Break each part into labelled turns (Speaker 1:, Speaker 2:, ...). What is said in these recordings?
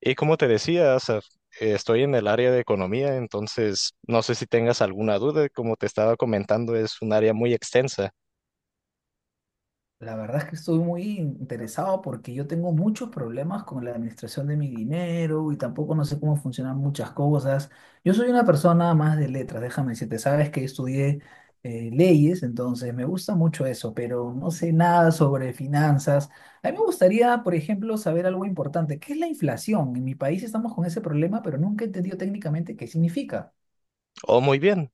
Speaker 1: Y como te decía, Asaf, estoy en el área de economía, entonces no sé si tengas alguna duda. Como te estaba comentando, es un área muy extensa.
Speaker 2: La verdad es que estoy muy interesado porque yo tengo muchos problemas con la administración de mi dinero y tampoco no sé cómo funcionan muchas cosas. Yo soy una persona más de letras, déjame decirte, sabes que estudié leyes, entonces me gusta mucho eso, pero no sé nada sobre finanzas. A mí me gustaría, por ejemplo, saber algo importante, ¿qué es la inflación? En mi país estamos con ese problema, pero nunca he entendido técnicamente qué significa.
Speaker 1: Oh, muy bien.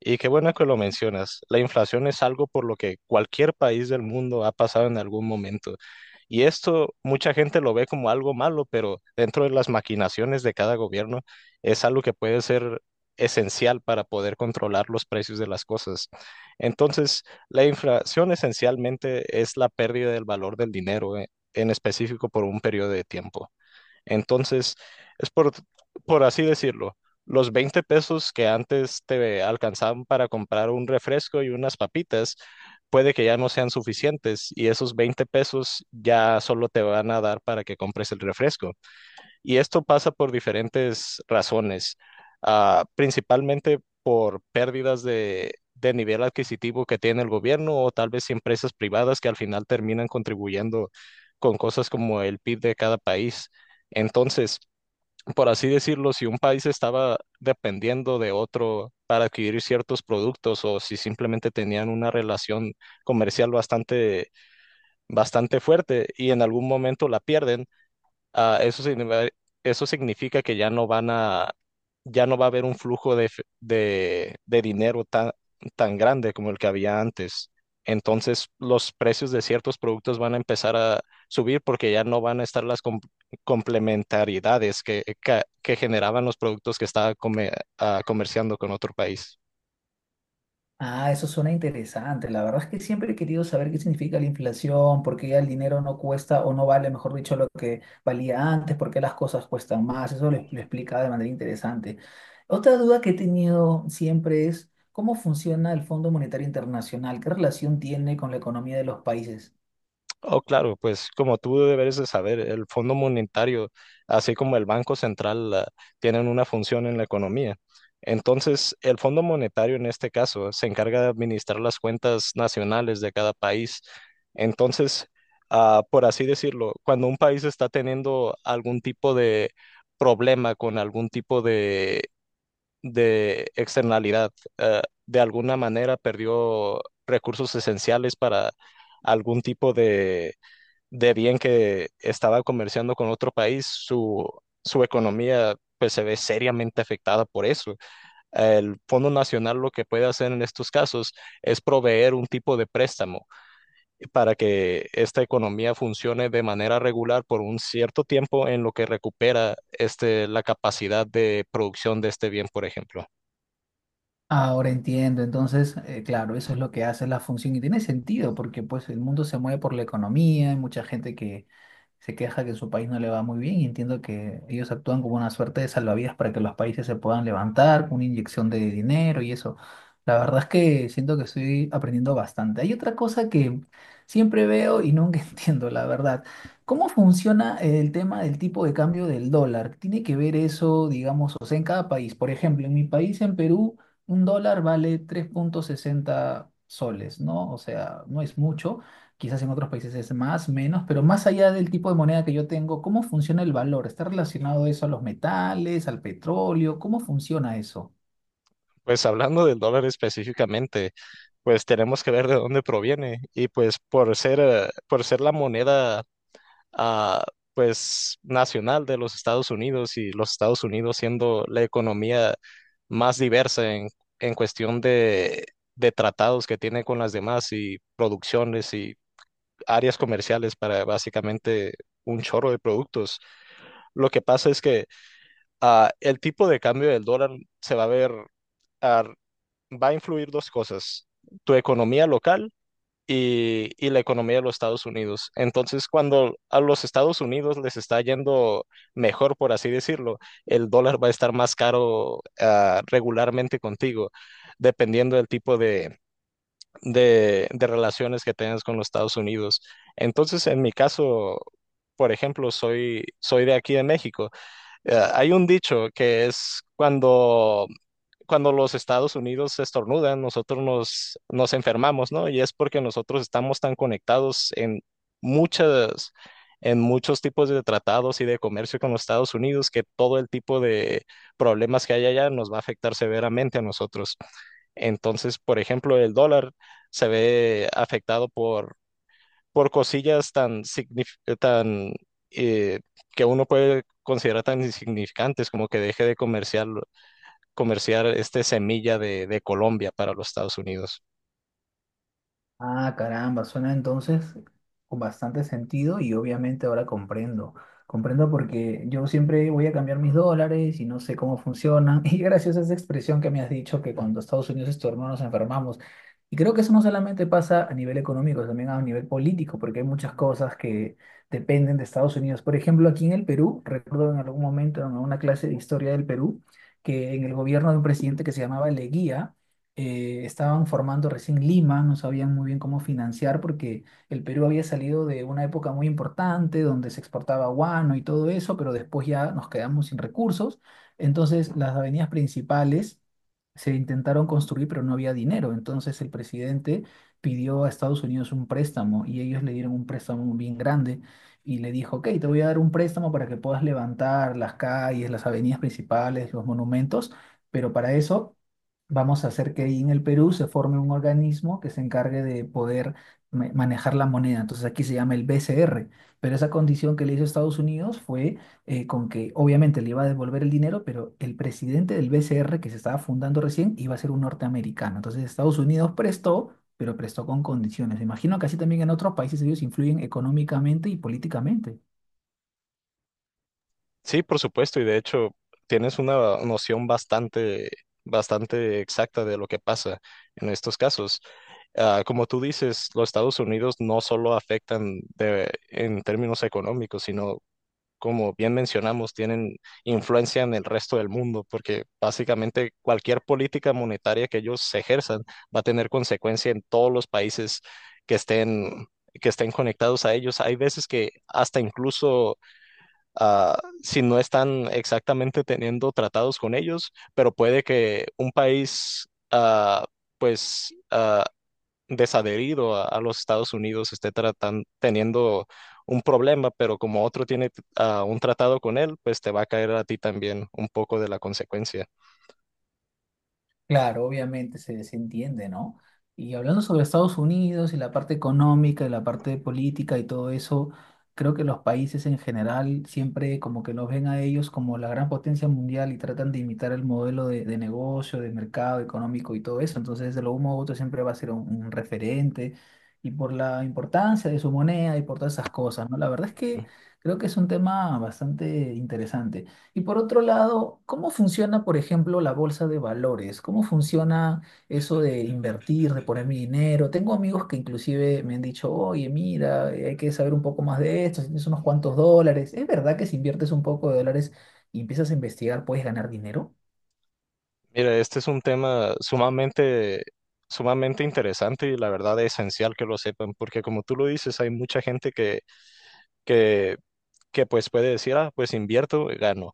Speaker 1: Y qué bueno que lo mencionas. La inflación es algo por lo que cualquier país del mundo ha pasado en algún momento. Y esto mucha gente lo ve como algo malo, pero dentro de las maquinaciones de cada gobierno es algo que puede ser esencial para poder controlar los precios de las cosas. Entonces, la inflación esencialmente es la pérdida del valor del dinero, en específico por un periodo de tiempo. Entonces, es por, por así decirlo, los 20 pesos que antes te alcanzaban para comprar un refresco y unas papitas, puede que ya no sean suficientes y esos 20 pesos ya solo te van a dar para que compres el refresco. Y esto pasa por diferentes razones. Principalmente por pérdidas de nivel adquisitivo que tiene el gobierno, o tal vez empresas privadas que al final terminan contribuyendo con cosas como el PIB de cada país. Entonces, por así decirlo, si un país estaba dependiendo de otro para adquirir ciertos productos, o si simplemente tenían una relación comercial bastante fuerte y en algún momento la pierden, Ah, eso significa, eso significa que ya no va a haber un flujo de dinero tan grande como el que había antes. Entonces, los precios de ciertos productos van a empezar a subir porque ya no van a estar las complementariedades que generaban los productos que comerciando con otro país.
Speaker 2: Ah, eso suena interesante. La verdad es que siempre he querido saber qué significa la inflación, por qué ya el dinero no cuesta o no vale, mejor dicho, lo que valía antes, por qué las cosas cuestan más. Eso lo explica de manera interesante. Otra duda que he tenido siempre es cómo funciona el Fondo Monetario Internacional, qué relación tiene con la economía de los países.
Speaker 1: Oh, claro, pues como tú deberes de saber, el Fondo Monetario, así como el Banco Central, tienen una función en la economía. Entonces, el Fondo Monetario en este caso se encarga de administrar las cuentas nacionales de cada país. Entonces, por así decirlo, cuando un país está teniendo algún tipo de problema con algún tipo de externalidad, ah, de alguna manera perdió recursos esenciales para algún tipo de bien que estaba comerciando con otro país, su economía pues se ve seriamente afectada por eso. El Fondo Nacional lo que puede hacer en estos casos es proveer un tipo de préstamo para que esta economía funcione de manera regular por un cierto tiempo en lo que recupera este, la capacidad de producción de este bien, por ejemplo.
Speaker 2: Ahora entiendo, entonces, claro, eso es lo que hace la función y tiene sentido porque pues el mundo se mueve por la economía, hay mucha gente que se queja que en su país no le va muy bien y entiendo que ellos actúan como una suerte de salvavidas para que los países se puedan levantar, una inyección de dinero y eso. La verdad es que siento que estoy aprendiendo bastante. Hay otra cosa que siempre veo y nunca entiendo, la verdad. ¿Cómo funciona el tema del tipo de cambio del dólar? ¿Tiene que ver eso, digamos, o sea, en cada país? Por ejemplo, en mi país, en Perú, un dólar vale 3.60 soles, ¿no? O sea, no es mucho. Quizás en otros países es más, menos, pero más allá del tipo de moneda que yo tengo, ¿cómo funciona el valor? ¿Está relacionado eso a los metales, al petróleo? ¿Cómo funciona eso?
Speaker 1: Pues hablando del dólar específicamente, pues tenemos que ver de dónde proviene, y pues por ser la moneda ah, pues nacional de los Estados Unidos, y los Estados Unidos siendo la economía más diversa en cuestión de tratados que tiene con las demás, y producciones y áreas comerciales para básicamente un chorro de productos. Lo que pasa es que el tipo de cambio del dólar se va a ver, ah, va a influir dos cosas, tu economía local y la economía de los Estados Unidos. Entonces, cuando a los Estados Unidos les está yendo mejor, por así decirlo, el dólar va a estar más caro, regularmente contigo, dependiendo del tipo de relaciones que tengas con los Estados Unidos. Entonces, en mi caso... Por ejemplo, soy de aquí de México. Hay un dicho que es cuando cuando los Estados Unidos estornudan, nosotros nos enfermamos, ¿no? Y es porque nosotros estamos tan conectados en muchas, en muchos tipos de tratados y de comercio con los Estados Unidos, que todo el tipo de problemas que hay allá nos va a afectar severamente a nosotros. Entonces, por ejemplo, el dólar se ve afectado por cosillas tan eh, que uno puede considerar tan insignificantes como que comerciar este semilla de Colombia para los Estados Unidos.
Speaker 2: Ah, caramba, suena entonces con bastante sentido y obviamente ahora comprendo. Comprendo porque yo siempre voy a cambiar mis dólares y no sé cómo funcionan. Y gracias a esa expresión que me has dicho que cuando Estados Unidos es tu hermano nos enfermamos. Y creo que eso no solamente pasa a nivel económico, también a nivel político, porque hay muchas cosas que dependen de Estados Unidos. Por ejemplo, aquí en el Perú, recuerdo en algún momento en una clase de historia del Perú, que en el gobierno de un presidente que se llamaba Leguía, estaban formando recién Lima, no sabían muy bien cómo financiar porque el Perú había salido de una época muy importante donde se exportaba guano y todo eso, pero después ya nos quedamos sin recursos. Entonces las avenidas principales se intentaron construir, pero no había dinero. Entonces el presidente pidió a Estados Unidos un préstamo y ellos le dieron un préstamo bien grande. Y le dijo, ok, te voy a dar un préstamo para que puedas levantar las calles, las avenidas principales, los monumentos, pero para eso vamos a hacer que ahí en el Perú se forme un organismo que se encargue de poder manejar la moneda. Entonces aquí se llama el BCR, pero esa condición que le hizo Estados Unidos fue con que obviamente le iba a devolver el dinero, pero el presidente del BCR que se estaba fundando recién iba a ser un norteamericano. Entonces Estados Unidos prestó, pero prestó con condiciones. Me imagino que así también en otros países ellos influyen económicamente y políticamente.
Speaker 1: Sí, por supuesto, y de hecho tienes una noción bastante exacta de lo que pasa en estos casos. Como tú dices, los Estados Unidos no solo en términos económicos, sino, como bien mencionamos, tienen influencia en el resto del mundo, porque básicamente cualquier política monetaria que ellos ejerzan va a tener consecuencia en todos los países que estén, que estén conectados a ellos. Hay veces que hasta incluso, si no están exactamente teniendo tratados con ellos, pero puede que un país... pues ah, desadherido a los Estados Unidos esté teniendo un problema, pero como otro tiene un tratado con él, pues te va a caer a ti también un poco de la consecuencia.
Speaker 2: Claro, obviamente se desentiende, ¿no? Y hablando sobre Estados Unidos y la parte económica y la parte política y todo eso, creo que los países en general siempre como que los ven a ellos como la gran potencia mundial y tratan de imitar el modelo de negocio, de mercado económico y todo eso. Entonces, de lo uno u otro siempre va a ser un referente y por la importancia de su moneda y por todas esas cosas, ¿no? La verdad es
Speaker 1: Ujú.
Speaker 2: que creo que es un tema bastante interesante. Y por otro lado, ¿cómo funciona, por ejemplo, la bolsa de valores? ¿Cómo funciona eso de invertir, de poner mi dinero? Tengo amigos que inclusive me han dicho, oye, mira, hay que saber un poco más de esto, si tienes unos cuantos dólares. ¿Es verdad que si inviertes un poco de dólares y empiezas a investigar, puedes ganar dinero?
Speaker 1: Mira, este es un tema sumamente interesante, y la verdad es esencial que lo sepan, porque como tú lo dices, hay mucha gente que, que pues puede decir, ah, pues invierto y gano.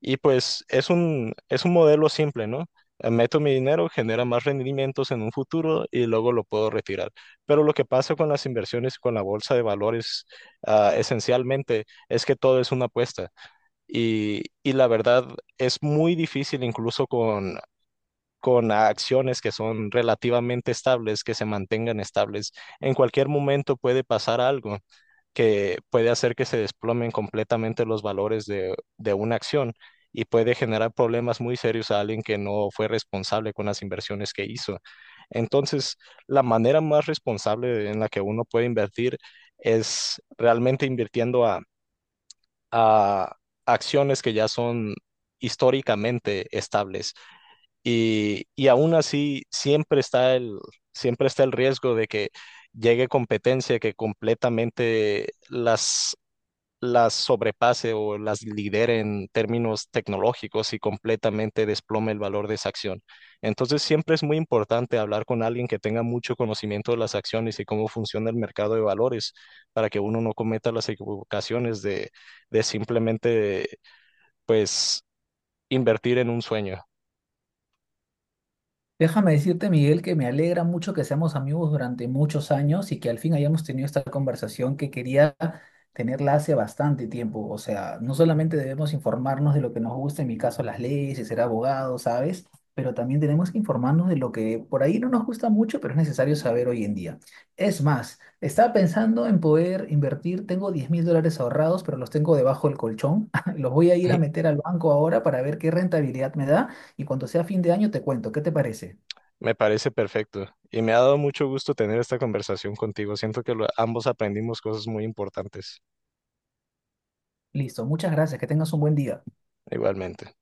Speaker 1: Y pues es un modelo simple, ¿no? Meto mi dinero, genera más rendimientos en un futuro y luego lo puedo retirar. Pero lo que pasa con las inversiones y con la bolsa de valores, esencialmente, es que todo es una apuesta. Y la verdad, es muy difícil, incluso con acciones que son relativamente estables, que se mantengan estables. En cualquier momento puede pasar algo que puede hacer que se desplomen completamente los valores de una acción, y puede generar problemas muy serios a alguien que no fue responsable con las inversiones que hizo. Entonces, la manera más responsable en la que uno puede invertir es realmente invirtiendo a acciones que ya son históricamente estables. Y aún así, siempre está siempre está el riesgo de que llegue competencia que completamente las sobrepase o las lidere en términos tecnológicos, y completamente desplome el valor de esa acción. Entonces, siempre es muy importante hablar con alguien que tenga mucho conocimiento de las acciones y cómo funciona el mercado de valores, para que uno no cometa las equivocaciones de simplemente, pues, invertir en un sueño.
Speaker 2: Déjame decirte, Miguel, que me alegra mucho que seamos amigos durante muchos años y que al fin hayamos tenido esta conversación que quería tenerla hace bastante tiempo. O sea, no solamente debemos informarnos de lo que nos gusta, en mi caso las leyes y ser abogado, ¿sabes? Pero también tenemos que informarnos de lo que por ahí no nos gusta mucho, pero es necesario saber hoy en día. Es más, estaba pensando en poder invertir, tengo $10,000 ahorrados, pero los tengo debajo del colchón. Los voy a ir a meter al banco ahora para ver qué rentabilidad me da y cuando sea fin de año te cuento, ¿qué te parece?
Speaker 1: Me parece perfecto, y me ha dado mucho gusto tener esta conversación contigo. Siento que ambos aprendimos cosas muy importantes,
Speaker 2: Listo, muchas gracias, que tengas un buen día.
Speaker 1: igualmente.